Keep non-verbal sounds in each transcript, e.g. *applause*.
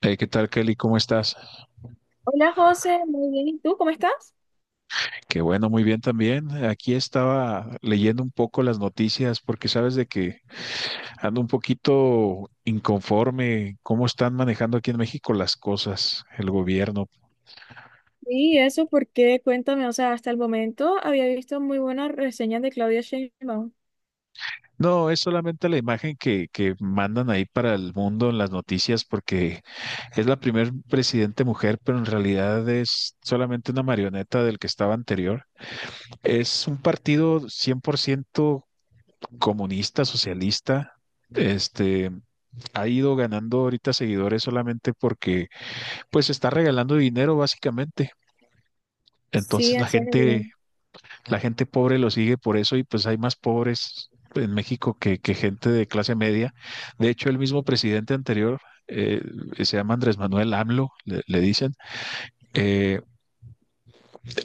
Hey, ¿qué tal, Kelly? ¿Cómo estás? Hola José, muy bien. ¿Y tú cómo estás? Qué bueno, muy bien también. Aquí estaba leyendo un poco las noticias porque sabes de que ando un poquito inconforme cómo están manejando aquí en México las cosas, el gobierno. Sí, eso porque cuéntame, o sea, hasta el momento había visto muy buenas reseñas de Claudia Sheinbaum. No, es solamente la imagen que mandan ahí para el mundo en las noticias porque es la primer presidente mujer, pero en realidad es solamente una marioneta del que estaba anterior. Es un partido 100% comunista, socialista. Este, Ha ido ganando ahorita seguidores solamente porque pues está regalando dinero básicamente. Sí, Entonces la en serio. gente, la gente pobre lo sigue por eso y pues hay más pobres en México que gente de clase media. De hecho, el mismo presidente anterior eh, se llama Andrés Manuel AMLO, le dicen. eh,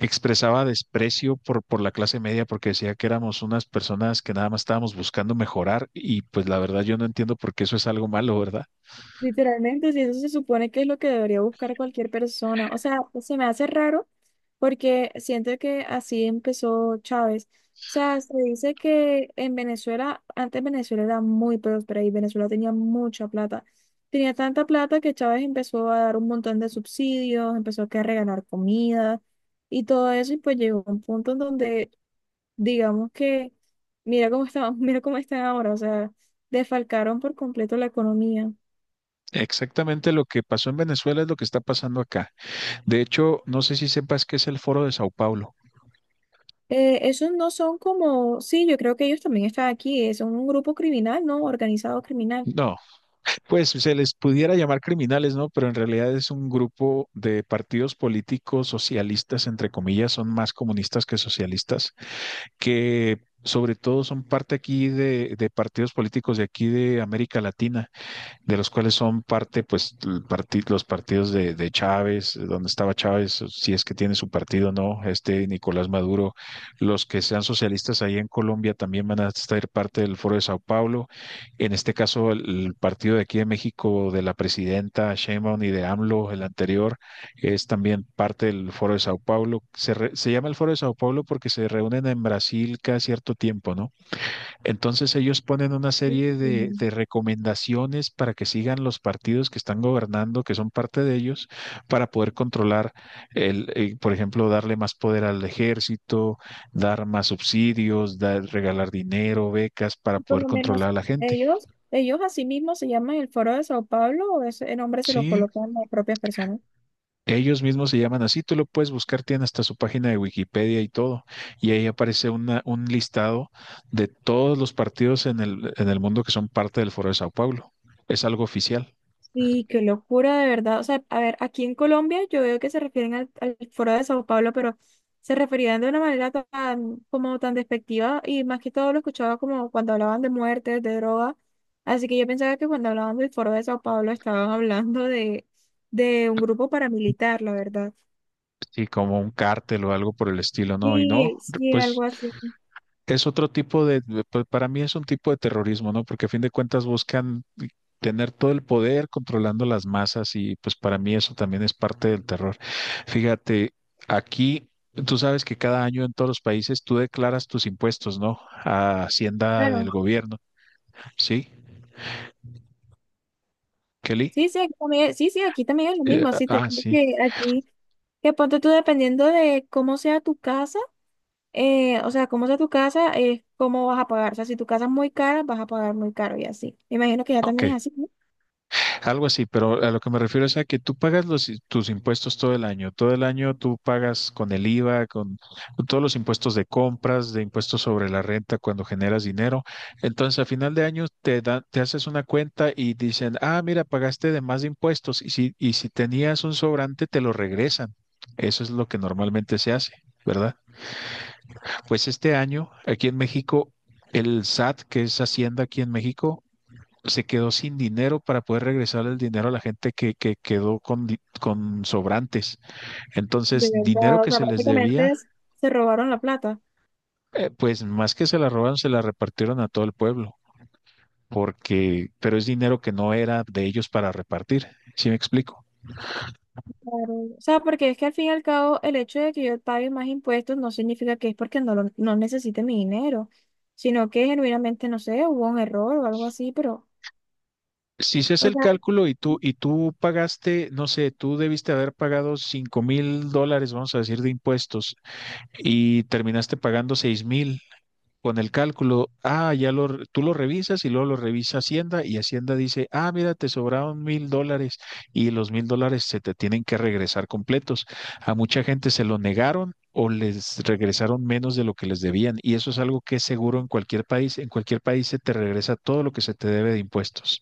Expresaba desprecio por la clase media porque decía que éramos unas personas que nada más estábamos buscando mejorar y pues la verdad yo no entiendo por qué eso es algo malo, ¿verdad? Literalmente, si eso se supone que es lo que debería buscar cualquier persona. O sea, se me hace raro porque siento que así empezó Chávez. O sea, se dice que en Venezuela, antes Venezuela era muy próspera y Venezuela tenía mucha plata. Tenía tanta plata que Chávez empezó a dar un montón de subsidios, empezó que a regalar comida y todo eso. Y pues llegó un punto en donde, digamos que, mira cómo está, *laughs* mira cómo están ahora. O sea, desfalcaron por completo la economía. Exactamente lo que pasó en Venezuela es lo que está pasando acá. De hecho, no sé si sepas qué es el Foro de Sao Paulo. Esos no son como, sí, yo creo que ellos también están aquí, son un grupo criminal, ¿no? Organizado criminal. No, pues se les pudiera llamar criminales, ¿no? Pero en realidad es un grupo de partidos políticos socialistas, entre comillas, son más comunistas que socialistas, que sobre todo son parte aquí de partidos políticos de aquí de América Latina. De los cuales son parte, pues, los partidos de Chávez, donde estaba Chávez, si es que tiene su partido o no, este Nicolás Maduro. Los que sean socialistas ahí en Colombia también van a estar parte del Foro de Sao Paulo. En este caso el partido de aquí de México, de la presidenta Sheinbaum y de AMLO, el anterior, es también parte del Foro de Sao Paulo. Se se llama el Foro de Sao Paulo porque se reúnen en Brasil cada cierto tiempo, ¿no? Entonces ellos ponen una serie de, Mm. de recomendaciones para que sigan los partidos que están gobernando, que son parte de ellos, para poder controlar, por ejemplo, darle más poder al ejército, dar más subsidios, regalar dinero, becas, para Por poder lo menos controlar a la gente. ellos así mismo se llaman el Foro de Sao Paulo, o ese nombre se lo Sí, colocan las propias personas. ellos mismos se llaman así, tú lo puedes buscar, tienen hasta su página de Wikipedia y todo, y ahí aparece un listado de todos los partidos en el mundo que son parte del Foro de Sao Paulo. Es algo oficial. Sí, qué locura, de verdad. O sea, a ver, aquí en Colombia yo veo que se refieren al Foro de Sao Paulo, pero se referían de una manera tan, como tan despectiva y más que todo lo escuchaba como cuando hablaban de muertes, de drogas. Así que yo pensaba que cuando hablaban del Foro de Sao Paulo estaban hablando de un grupo paramilitar, la verdad. Sí, como un cártel o algo por el estilo, ¿no? Y no, Sí, sí, pues algo así. es otro tipo para mí es un tipo de terrorismo, ¿no? Porque a fin de cuentas buscan tener todo el poder controlando las masas y pues para mí eso también es parte del terror. Fíjate, aquí tú sabes que cada año en todos los países tú declaras tus impuestos, ¿no? A Hacienda Claro. del gobierno, ¿sí? Kelly. Sí, sí, aquí también, sí, sí, aquí también es lo mismo. Sí, te Ah, digo sí. que aquí, que ponte tú dependiendo de cómo sea tu casa, o sea, cómo sea tu casa, es cómo vas a pagar. O sea, si tu casa es muy cara, vas a pagar muy caro y así. Me imagino que ya también Ok. es así, ¿no? Algo así, pero a lo que me refiero es a que tú pagas tus impuestos todo el año. Todo el año tú pagas con el IVA, con todos los impuestos de compras, de impuestos sobre la renta cuando generas dinero. Entonces, a final de año te haces una cuenta y dicen, ah, mira, pagaste de más impuestos, y si tenías un sobrante, te lo regresan. Eso es lo que normalmente se hace, ¿verdad? Pues este año, aquí en México, el SAT, que es Hacienda aquí en México, se quedó sin dinero para poder regresar el dinero a la gente que quedó con sobrantes. De Entonces, dinero verdad, o que sea, se les prácticamente debía, es- se robaron la plata. Pues más que se la robaron, se la repartieron a todo el pueblo, pero es dinero que no era de ellos para repartir. ¿Sí me explico? Claro. O sea, porque es que al fin y al cabo el hecho de que yo pague más impuestos no significa que es porque no, lo- no necesite mi dinero, sino que genuinamente, no sé, hubo un error o algo así, pero, Si se hace o el sea, cálculo y tú pagaste, no sé, tú debiste haber pagado $5,000, vamos a decir, de impuestos y terminaste pagando 6,000. Con el cálculo, ah, tú lo revisas y luego lo revisa Hacienda y Hacienda dice, ah, mira, te sobraron $1,000 y los mil dólares se te tienen que regresar completos. A mucha gente se lo negaron o les regresaron menos de lo que les debían y eso es algo que es seguro en cualquier país. En cualquier país se te regresa todo lo que se te debe de impuestos.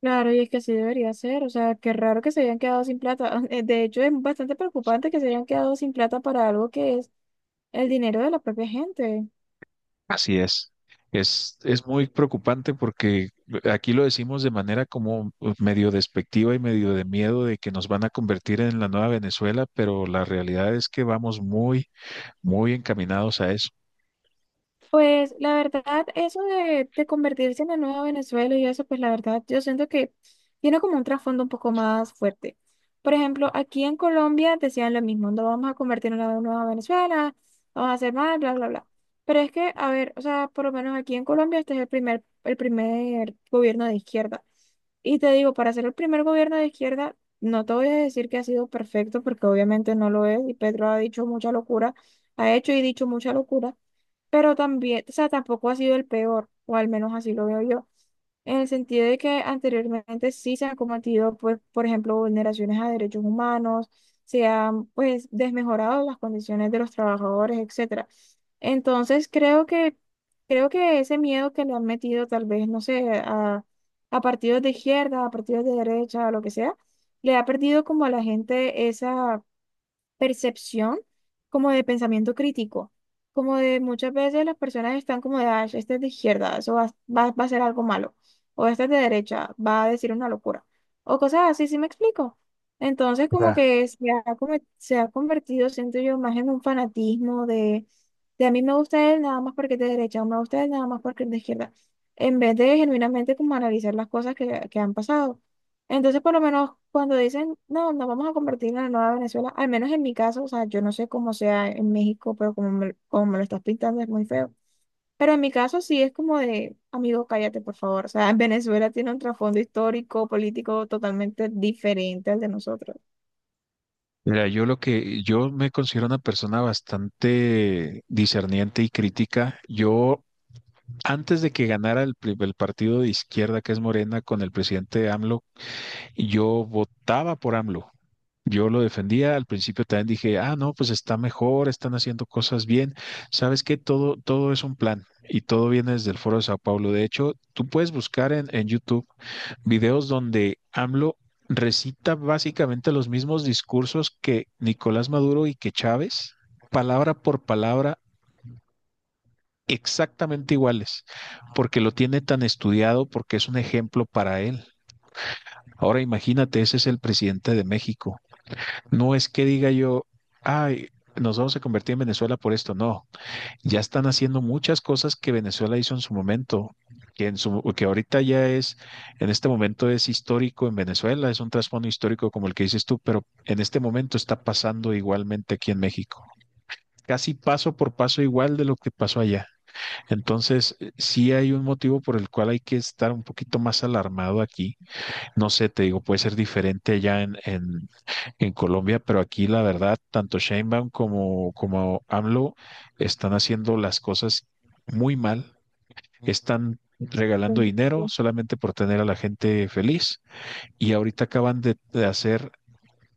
claro, y es que así debería ser, o sea, qué raro que se hayan quedado sin plata. *laughs* De hecho, es bastante preocupante que se hayan quedado sin plata para algo que es el dinero de la propia gente. Así es. Es muy preocupante porque aquí lo decimos de manera como medio despectiva y medio de miedo de que nos van a convertir en la nueva Venezuela, pero la realidad es que vamos muy, muy encaminados a eso. Pues la verdad, eso de convertirse en la nueva Venezuela y eso, pues la verdad, yo siento que tiene como un trasfondo un poco más fuerte. Por ejemplo, aquí en Colombia decían lo mismo, no vamos a convertir en la nueva Venezuela, vamos a hacer mal, bla, bla, bla. Pero es que, a ver, o sea, por lo menos aquí en Colombia este es el primer gobierno de izquierda. Y te digo, para ser el primer gobierno de izquierda, no te voy a decir que ha sido perfecto, porque obviamente no lo es, y Pedro ha dicho mucha locura, ha hecho y dicho mucha locura, pero también, o sea, tampoco ha sido el peor, o al menos así lo veo yo, en el sentido de que anteriormente sí se han cometido, pues, por ejemplo, vulneraciones a derechos humanos, se han, pues, desmejorado las condiciones de los trabajadores, etcétera. Entonces, creo que ese miedo que le han metido, tal vez, no sé, a partidos de izquierda, a partidos de derecha, a lo que sea, le ha perdido como a la gente esa percepción como de pensamiento crítico, como de muchas veces las personas están como de, ah, este es de izquierda, eso va, va, va a ser algo malo, o este es de derecha, va a decir una locura, o cosas así, ¿sí me explico? Entonces como Claro. que se ha, come- se ha convertido, siento yo, más en un fanatismo de a mí me gusta él nada más porque es de derecha, o me gusta él nada más porque es de izquierda, en vez de genuinamente como analizar las cosas que han pasado. Entonces, por lo menos cuando dicen, no, nos vamos a convertir en la nueva Venezuela, al menos en mi caso, o sea, yo no sé cómo sea en México, pero como me lo estás pintando es muy feo. Pero en mi caso sí es como de, amigo, cállate, por favor. O sea, *laughs* en Venezuela tiene un trasfondo histórico, político totalmente diferente al de nosotros. Mira, yo lo que yo me considero una persona bastante discerniente y crítica. Yo, antes de que ganara el partido de izquierda, que es Morena, con el presidente AMLO, yo votaba por AMLO. Yo lo defendía, al principio también dije, ah, no, pues está mejor, están haciendo cosas bien. Sabes que todo es un plan y todo viene desde el Foro de Sao Paulo. De hecho, tú puedes buscar en YouTube videos donde AMLO recita básicamente los mismos discursos que Nicolás Maduro y que Chávez, palabra por palabra, exactamente iguales, porque lo tiene tan estudiado, porque es un ejemplo para él. Ahora imagínate, ese es el presidente de México. No es que diga yo, ay, nos vamos a convertir en Venezuela por esto. No, ya están haciendo muchas cosas que Venezuela hizo en su momento, que, en su, que ahorita ya es, en este momento es histórico en Venezuela, es un trasfondo histórico como el que dices tú, pero en este momento está pasando igualmente aquí en México. Casi paso por paso igual de lo que pasó allá. Entonces, sí hay un motivo por el cual hay que estar un poquito más alarmado aquí. No sé, te digo, puede ser diferente allá en Colombia, pero aquí la verdad, tanto Sheinbaum como AMLO están haciendo las cosas muy mal, están regalando Entonces, dinero solamente por tener a la gente feliz y ahorita acaban de hacer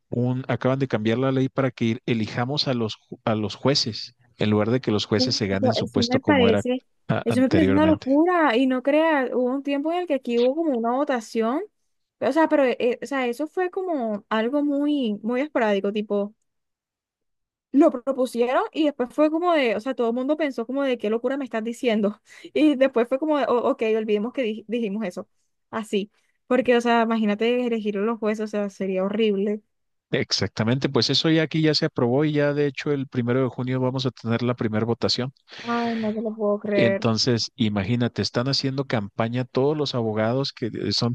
acaban de cambiar la ley para que elijamos a a los jueces, en lugar de que los jueces se ganen su eso puesto me como era parece, eso me parece una anteriormente. locura. Y no creas, hubo un tiempo en el que aquí hubo como una votación. O sea, pero o sea, eso fue como algo muy, muy esporádico, tipo. Lo propusieron y después fue como de, o sea, todo el mundo pensó como de qué locura me estás diciendo. *laughs* Y después fue como de, "Oh, ok, olvidemos que dij- dijimos eso." Así. Porque, o sea, imagínate elegir los jueces, o sea, sería horrible. Exactamente, pues eso ya aquí ya se aprobó y ya de hecho el 1 de junio vamos a tener la primera votación. Ay, no te lo puedo creer. O Entonces, imagínate, están haciendo campaña todos los abogados que son.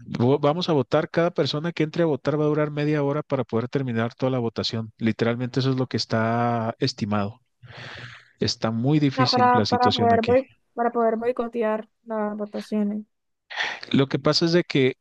"Vamos a votar, cada persona que entre a votar va a durar media hora para poder terminar toda la votación. Literalmente eso es lo que está estimado. Está muy sea, difícil la para situación poder aquí. boi- para poder boicotear las votaciones. Lo que pasa es de que,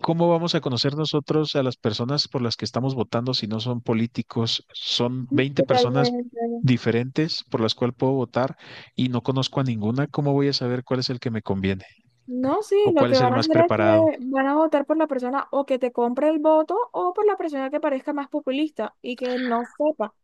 ¿cómo vamos a conocer nosotros a las personas por las que estamos votando si no son políticos? Son 20 personas Totalmente. diferentes por las cuales puedo votar y no conozco a ninguna. ¿Cómo voy a saber cuál es el que me conviene No, sí, o lo cuál que es el van a más hacer es preparado? que van a votar por la persona o que te compre el voto o por la persona que parezca más populista y que no sepa.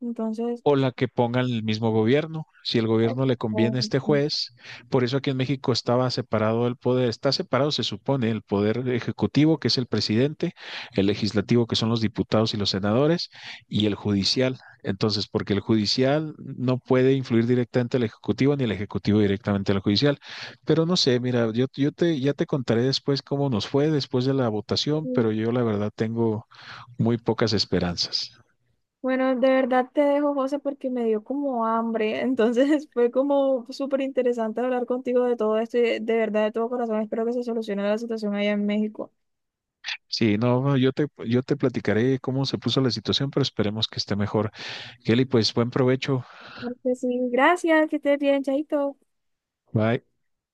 Entonces, O la que pongan el mismo gobierno, si el gobierno le conviene a este este, juez. Por eso aquí en México estaba separado el poder, está separado, se supone, el poder ejecutivo, que es el presidente, el legislativo, que son los diputados y los senadores, y el judicial. Entonces, porque el judicial no puede influir directamente al ejecutivo ni el ejecutivo directamente al judicial. Pero no sé, mira, ya te contaré después cómo nos fue después de la votación, mm. pero yo la verdad tengo muy pocas esperanzas. Bueno, de verdad te dejo, José, porque me dio como hambre. Entonces *laughs* fue como súper interesante hablar contigo de todo esto y de verdad de todo corazón espero que se solucione la situación allá en México. Sí, no, no, yo te platicaré cómo se puso la situación, pero esperemos que esté mejor. Kelly, pues buen provecho. Porque sí, gracias, que estés bien, chaito. Bye.